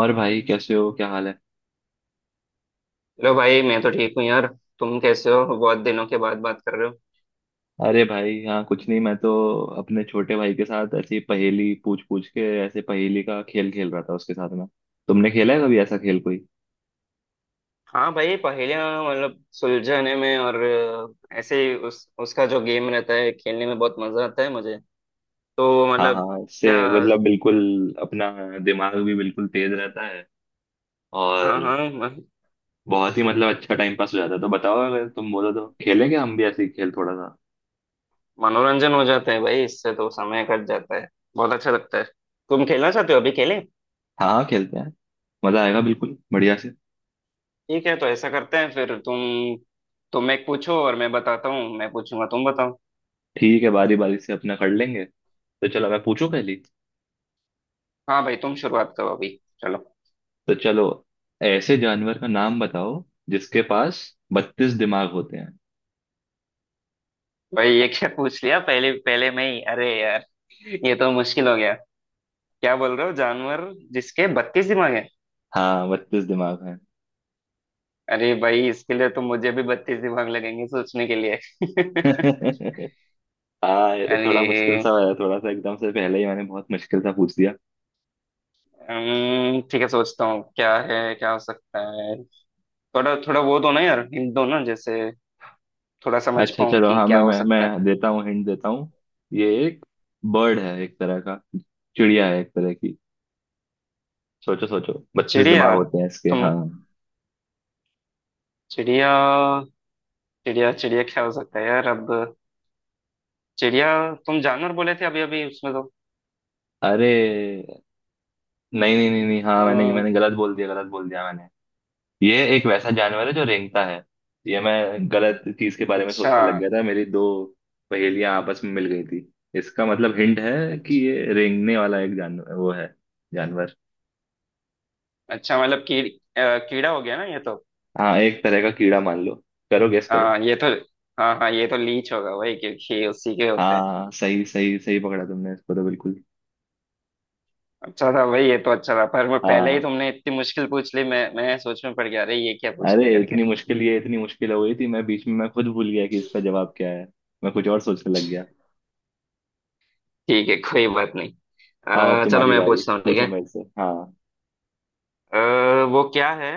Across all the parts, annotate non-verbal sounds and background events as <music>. और भाई कैसे हो, क्या हाल है। हेलो भाई, मैं तो ठीक हूँ यार। तुम कैसे हो? बहुत दिनों के बाद बात कर रहे हो। अरे भाई, हाँ कुछ नहीं, मैं तो अपने छोटे भाई के साथ ऐसे ही पहेली पूछ पूछ के ऐसे पहेली का खेल खेल रहा था उसके साथ में। तुमने खेला है कभी ऐसा खेल कोई? हाँ भाई, पहेलियाँ मतलब सुलझाने में और ऐसे ही उस उसका जो गेम रहता है खेलने में बहुत मजा आता है मुझे। तो हाँ मतलब हाँ, इससे क्या? मतलब बिल्कुल अपना दिमाग भी बिल्कुल तेज रहता है, और हाँ हाँ। बहुत ही मतलब अच्छा टाइम पास हो जाता है। तो बताओ, अगर तुम बोलो तो खेलेंगे हम भी ऐसे ही खेल थोड़ा सा। मनोरंजन हो जाता है भाई, इससे तो समय कट जाता है। बहुत अच्छा लगता है। तुम खेलना चाहते हो? अभी खेलें? हाँ हाँ, खेलते हैं, मजा आएगा बिल्कुल बढ़िया से। ठीक है, तो ऐसा करते हैं, फिर तुम एक पूछो और मैं बताता हूँ, मैं पूछूंगा तुम बताओ। ठीक है, बारी बारी से अपना कर लेंगे, तो चलो मैं पूछूं पहली। हाँ भाई, तुम शुरुआत करो अभी। चलो। तो चलो, ऐसे जानवर का नाम बताओ जिसके पास 32 दिमाग होते हैं। भाई ये क्या <laughs> पूछ लिया पहले पहले में ही? अरे यार, ये तो मुश्किल हो गया। क्या बोल रहे हो, जानवर जिसके बत्तीस दिमाग है? हाँ, 32 दिमाग हैं। अरे भाई, इसके लिए तो मुझे भी बत्तीस दिमाग लगेंगे सोचने के लिए। <laughs> <laughs> हाँ, ये तो थोड़ा मुश्किल सा अरे है, थोड़ा सा एकदम से पहले ही मैंने बहुत मुश्किल सा पूछ दिया। ठीक है, सोचता हूँ क्या है, क्या हो सकता है। थोड़ा थोड़ा वो दो ना यार, हिंट दो ना, जैसे थोड़ा समझ अच्छा पाऊँ चलो, कि हाँ क्या मैं हो मैं सकता है। मैं देता हूँ, हिंट देता हूँ। ये एक बर्ड है एक तरह का, चिड़िया है एक तरह की। सोचो सोचो, 32 दिमाग चिड़िया? होते हैं इसके, तुम, हाँ। चिड़िया? चिड़िया चिड़िया क्या हो सकता है यार अब? चिड़िया? तुम जानवर बोले थे अभी अभी उसमें तो। अरे नहीं नहीं नहीं नहीं, हाँ मैंने अम्म, मैंने गलत बोल दिया, गलत बोल दिया मैंने। ये एक वैसा जानवर है जो रेंगता है। ये मैं गलत चीज के बारे में अच्छा सोचने लग गया था, मेरी दो पहेलियां आपस में मिल गई थी। इसका मतलब हिंट है कि अच्छा ये रेंगने वाला एक जानवर वो है, जानवर। अच्छा, मतलब कीड़ा हो गया ना ये तो। हाँ, एक तरह का कीड़ा मान लो, करो गेस करो। हाँ ये तो, हाँ हाँ ये तो लीच होगा वही, क्योंकि उसी के होते हैं। हाँ, सही सही सही पकड़ा तुमने इसको तो बिल्कुल। अच्छा था भाई ये तो, अच्छा था, पर मैं पहले ही, हाँ, तुमने इतनी मुश्किल पूछ ली, मैं सोच में पड़ गया, अरे ये क्या पूछ अरे ले करके। इतनी मुश्किल, ये इतनी मुश्किल हो गई थी, मैं बीच में मैं खुद भूल गया कि इसका जवाब क्या है, मैं कुछ और सोचने लग गया। ठीक है, कोई बात नहीं। आओ, अब चलो तुम्हारी मैं बारी, पूछता हूँ ठीक पूछो है। मेरे से, हाँ। वो क्या है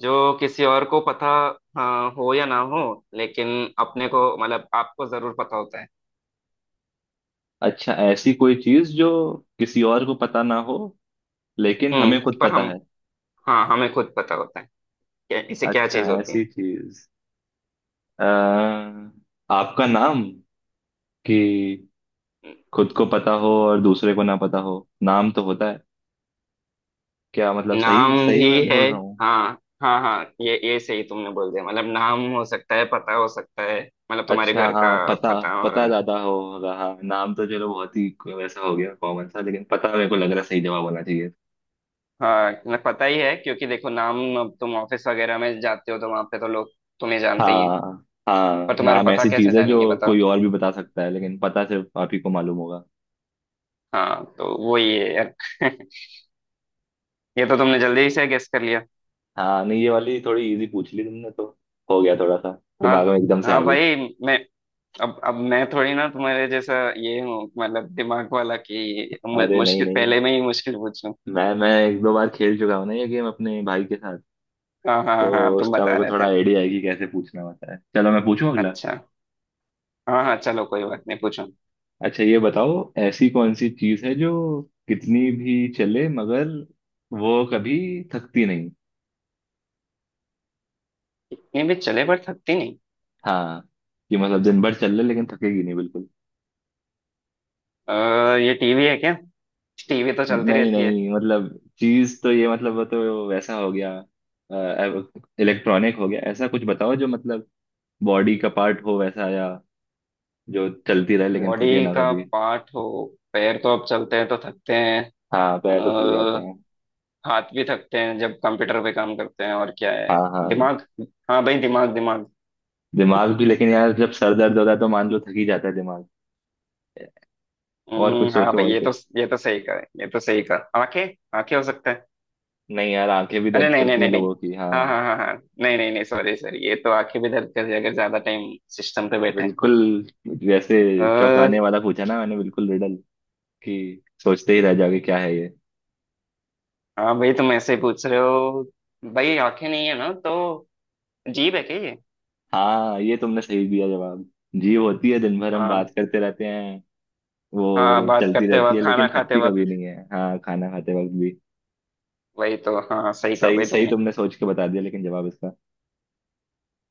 जो किसी और को पता, हाँ, हो या ना हो, लेकिन अपने को मतलब आपको जरूर पता होता है। अच्छा, ऐसी कोई चीज जो किसी और को पता ना हो लेकिन हमें खुद पर पता हम, है। हाँ, हमें खुद पता होता है। इसे क्या अच्छा, चीज होती ऐसी चीज, अह आपका नाम कि है? खुद को पता हो और दूसरे को ना पता हो। नाम तो होता है, क्या मतलब, सही नाम सही भी मैं है? बोल रहा हूँ? हाँ हाँ हाँ, ये सही तुमने बोल दिया, मतलब नाम हो सकता है, पता हो सकता है। मतलब तुम्हारे अच्छा घर का हाँ, पता, पता, और पता ज्यादा होगा, हाँ नाम तो चलो बहुत ही वैसा हो गया कॉमन सा, लेकिन पता मेरे को लग रहा है सही जवाब होना चाहिए। हाँ मतलब पता ही है, क्योंकि देखो नाम, अब तुम ऑफिस वगैरह में जाते हो तो वहां पे तो लोग तुम्हें जानते ही हैं। हाँ पर हाँ, तुम्हारा नाम पता ऐसी कैसे चीज है जानेंगे, जो बताओ? कोई और भी बता सकता है, लेकिन पता सिर्फ आप ही को मालूम होगा। हाँ, तो वो ही है यार। <laughs> ये तो तुमने जल्दी से गेस कर लिया। हाँ नहीं, ये वाली थोड़ी इजी पूछ ली तुमने तो, हो गया थोड़ा सा, हाँ दिमाग में एकदम से आ हाँ गई। भाई। मैं, अब मैं थोड़ी ना तुम्हारे जैसा ये हूँ, मतलब दिमाग वाला, कि अरे नहीं मुश्किल नहीं, पहले में ही मुश्किल पूछूं। मैं एक दो बार खेल चुका हूँ ना ये गेम अपने भाई के साथ, हाँ हाँ हाँ हाँ, तो तुम उसका मेरे बता को रहे थोड़ा थे। आइडिया है कि कैसे पूछना होता है। चलो मैं पूछूं अगला। अच्छा, हाँ हाँ चलो कोई बात नहीं, पूछो। अच्छा, ये बताओ, ऐसी कौन सी चीज है जो कितनी भी चले मगर वो कभी थकती नहीं? ये भी चले पर थकती नहीं? हाँ, कि मतलब दिन भर चल ले लेकिन थकेगी नहीं बिल्कुल। ये टीवी है क्या? टीवी तो चलती नहीं रहती है। नहीं, मतलब चीज तो ये मतलब वो तो वैसा हो गया, इलेक्ट्रॉनिक हो गया। ऐसा कुछ बताओ जो मतलब बॉडी का पार्ट हो वैसा, या जो चलती रहे लेकिन थके बॉडी ना का कभी। पार्ट हो? पैर तो अब चलते हैं तो थकते हैं। हाँ पैर तो थक जाते अ, हैं। हाथ भी थकते हैं जब कंप्यूटर पे काम करते हैं, और क्या हाँ है? हाँ, दिमाग? हाँ भाई, दिमाग दिमाग। दिमाग भी लेकिन <laughs> यार जब सर दर्द होता है तो मान लो थक ही जाता है दिमाग। और कुछ हाँ सोचो, भाई और ये कुछ। तो, ये तो सही कहा, ये तो सही कहा, आंखें। आंखें हो सकता है। नहीं यार, आंखें भी अरे दर्द नहीं नहीं करती हैं नहीं नहीं, लोगों की, हाँ हाँ हाँ हाँ हाँ, नहीं नहीं नहीं, सॉरी सॉरी, ये तो आंखें भी दर्द कर जाएगा ज्यादा टाइम सिस्टम पे बिल्कुल। जैसे चौंकाने बैठे। वाला पूछा ना मैंने, बिल्कुल रिडल कि सोचते ही रह जाओगे क्या है ये। हाँ भाई तुम ऐसे पूछ रहे हो, भाई आंखें नहीं है ना तो। जीभ है क्या ये? हाँ, ये तुमने सही दिया जवाब। जीव होती है, दिन भर हम हाँ बात करते रहते हैं, हाँ, वो बात चलती करते रहती है वक्त, खाना लेकिन खाते थकती कभी वक्त, नहीं है, हाँ खाना खाते वक्त भी। वही तो, हाँ सही कहा सही भाई सही तुमने। तुमने सोच के बता दिया, लेकिन जवाब इसका।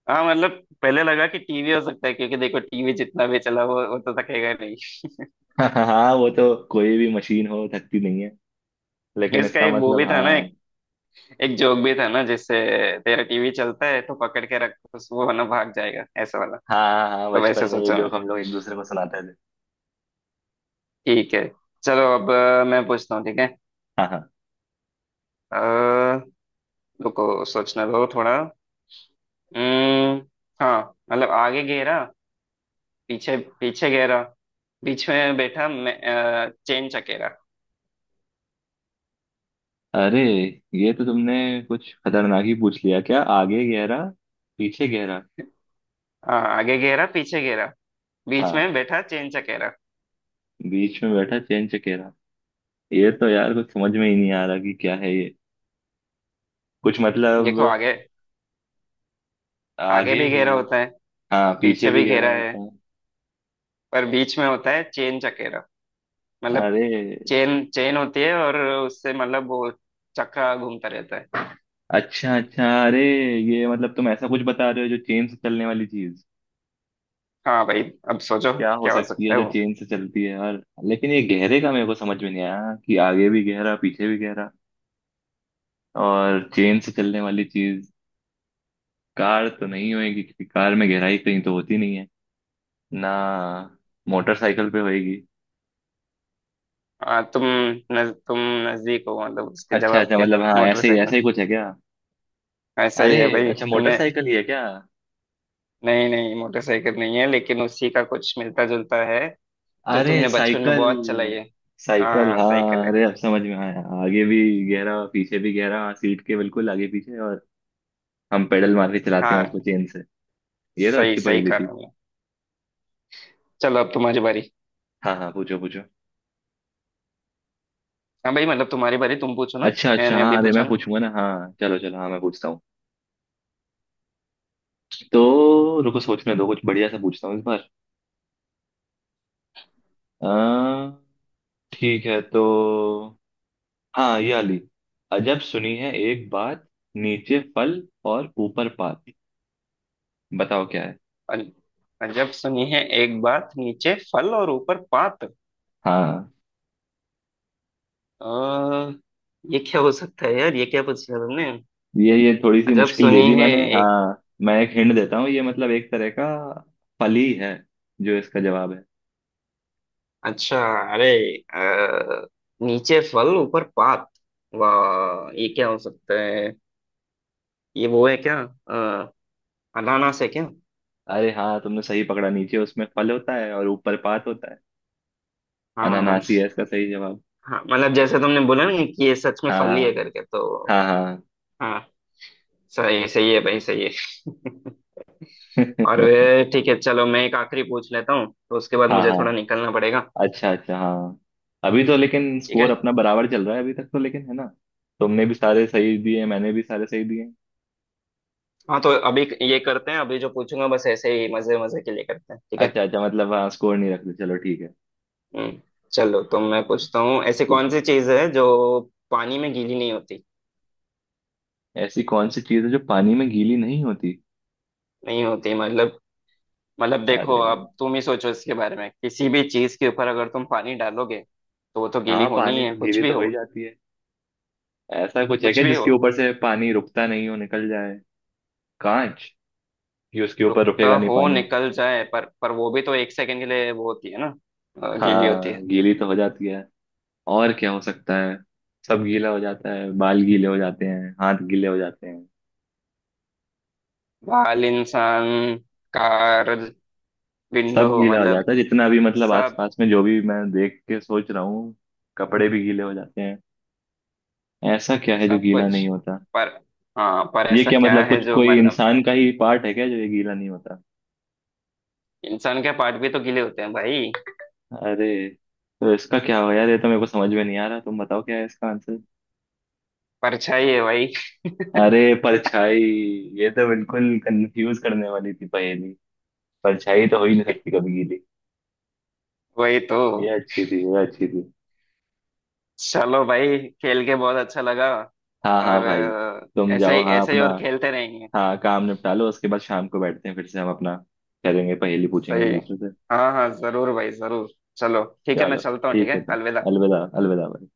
हाँ मतलब, पहले लगा कि टीवी हो सकता है, क्योंकि देखो टीवी जितना भी चला वो, तो थकेगा नहीं। <laughs> हाँ वो तो, कोई भी मशीन हो थकती नहीं है, लेकिन इसका इसका एक वो मतलब, भी था ना, हाँ। एक एक जोक भी था ना जिससे, तेरा टीवी चलता है तो पकड़ के रख, वो ना भाग जाएगा, ऐसा वाला। हाँ हाँ हाँ, तो वैसे बचपन में ये सोचा मैं। जोक हम लोग एक दूसरे को सुनाते थे। ठीक है, चलो अब मैं पूछता हूँ ठीक है। हाँ हाँ। अः रुको सोचने दो थोड़ा। हम्म, हाँ मतलब, आगे घेरा, पीछे पीछे घेरा, बीच में बैठा मैं, चेन चकेरा। अरे ये तो तुमने कुछ खतरनाक ही पूछ लिया, क्या आगे गहरा पीछे गहरा? हाँ, आगे घेरा पीछे घेरा बीच हाँ, में बैठा चेन चकेरा। बीच में बैठा चैन चकेरा, ये तो यार कुछ समझ में ही नहीं आ रहा कि क्या है ये, कुछ मतलब। देखो आगे आगे आगे भी घेरा गहरा, होता है, हाँ पीछे पीछे भी भी गहरा घेरा है, होता है। पर बीच में होता है चेन चकेरा। मतलब अरे, चेन चेन होती है, और उससे मतलब वो चक्का घूमता रहता है। अच्छा अच्छा, अरे ये मतलब तुम ऐसा कुछ बता रहे हो जो चेन से चलने वाली चीज, हाँ भाई अब सोचो, क्या हो क्या हो सकती सकता है है जो वो? चेन से चलती है यार? लेकिन ये गहरे का मेरे को समझ में नहीं आया कि आगे भी गहरा पीछे भी गहरा, और चेन से चलने वाली चीज। कार तो नहीं होएगी क्योंकि कार में गहराई कहीं तो होती नहीं है ना, मोटरसाइकिल पे होएगी। हाँ तुम, नज, तुम नजदीक हो मतलब उसके अच्छा जवाब अच्छा, के। मतलब हाँ मोटरसाइकिल? ऐसे ही कुछ है क्या? ऐसा ही अरे, है भाई अच्छा तुमने। मोटरसाइकिल ही है क्या? नहीं नहीं मोटरसाइकिल नहीं है, लेकिन उसी का कुछ मिलता जुलता है, जो अरे तुमने बचपन में साइकिल, बहुत चलाई है। हाँ साइकिल हाँ साइकिल हाँ, है। अरे अब समझ में आया, आगे भी गहरा पीछे भी गहरा, हाँ, सीट के बिल्कुल आगे पीछे, और हम पेडल मार के चलाते हैं हाँ उसको चेन से। ये तो सही अच्छी सही पहेली कहा थी। तुमने। चलो अब तुम्हारी बारी। हाँ हाँ, पूछो पूछो। हाँ भाई, मतलब तुम्हारी बारी, तुम पूछो ना, अच्छा अच्छा मैंने अभी हाँ, अरे पूछा मैं ना। पूछूंगा ना, हाँ चलो चलो, हाँ मैं पूछता हूँ। तो रुको, सोचने दो, कुछ बढ़िया सा पूछता हूँ इस बार। आ, ठीक है, तो हाँ, ये वाली। अजब सुनी है एक बात, नीचे फल और ऊपर पात, बताओ क्या है। अज- अजब सुनी है एक बात, नीचे फल और ऊपर पात। हाँ आ, ये क्या हो सकता है यार, ये क्या पूछ लिया तुमने? ये थोड़ी सी अजब मुश्किल दे सुनी दी है मैंने, एक, हाँ मैं एक हिंट देता हूँ, ये मतलब एक तरह का फल ही है जो इसका जवाब है। अच्छा, अरे, अ, नीचे फल ऊपर पात, वाह, ये क्या हो सकता है? ये वो है क्या, अ, अनानास है क्या? अरे हाँ, तुमने सही पकड़ा, नीचे उसमें फल होता है और ऊपर पात होता है, हाँ अनानास ही है इसका सही जवाब। हाँ, मतलब जैसे तुमने बोला ना कि ये सच में हाँ फली है करके तो। हाँ हाँ। हाँ, सही सही है भाई, सही है। <laughs> और <laughs> ठीक है, चलो मैं एक आखिरी पूछ लेता हूँ, तो उसके बाद हाँ मुझे थोड़ा हाँ, निकलना पड़ेगा। अच्छा अच्छा हाँ, अभी तो लेकिन ठीक स्कोर है। अपना बराबर चल रहा है अभी तक तो, लेकिन है ना, तुमने भी सारे सही दिए मैंने भी सारे सही दिए। हाँ तो अभी ये करते हैं, अभी जो पूछूंगा बस ऐसे ही मजे मजे के लिए करते हैं, ठीक है। अच्छा अच्छा, मतलब हाँ स्कोर नहीं रखते, चलो ठीक है। हम्म चलो, तो मैं पूछता हूँ, ऐसी कौन पूछो। सी चीज है जो पानी में गीली नहीं होती? ऐसी कौन सी चीज़ है जो पानी में गीली नहीं होती? नहीं होती मतलब, मतलब देखो अरे, अब तुम ही सोचो इसके बारे में, किसी भी चीज के ऊपर अगर तुम पानी डालोगे, तो वो तो गीली हाँ होनी ही पानी है, तो कुछ गीली भी तो हो हो। ही जाती है, ऐसा कुछ है कुछ क्या भी हो, जिसके ऊपर से पानी रुकता नहीं हो निकल जाए, कांच, कि उसके ऊपर रुकता रुकेगा नहीं हो पानी। निकल जाए, पर वो भी तो एक सेकंड के लिए वो होती है ना, गीली होती हाँ है। गीली तो हो जाती है, और क्या हो सकता है, सब गीला हो जाता है, बाल गीले हो जाते हैं, हाथ गीले हो जाते हैं, बाल, इंसान, कार, विंडो सब गीला हो मतलब जाता है, जितना भी मतलब सब आसपास में जो भी मैं देख के सोच रहा हूँ, कपड़े भी गीले हो जाते हैं। ऐसा क्या है जो सब गीला कुछ। नहीं होता? पर, हाँ पर ये ऐसा क्या क्या मतलब, है कुछ जो कोई मतलब, इंसान का ही पार्ट है क्या जो ये गीला नहीं होता? इंसान के पार्ट भी तो गीले होते हैं भाई। अरे तो इसका क्या हो यार, ये तो मेरे को समझ में नहीं आ रहा, तुम बताओ क्या है इसका आंसर। परछाई है भाई। अरे परछाई, ये तो बिल्कुल कंफ्यूज करने वाली थी पहेली, परछाई तो हो ही नहीं सकती <laughs> कभी गीली। वही तो। ये अच्छी थी, ये अच्छी थी। चलो भाई, खेल के बहुत अच्छा लगा, हाँ हाँ और भाई, तुम जाओ हाँ ऐसे ही अपना, और खेलते रहेंगे। हाँ काम निपटा लो, उसके बाद शाम को बैठते हैं फिर से हम अपना, करेंगे पहेली पूछेंगे सही एक है। दूसरे से। हाँ हाँ जरूर भाई जरूर। चलो ठीक है मैं चलो, चलता हूँ, ठीक ठीक है है, भाई, अलविदा। अलविदा, अलविदा भाई।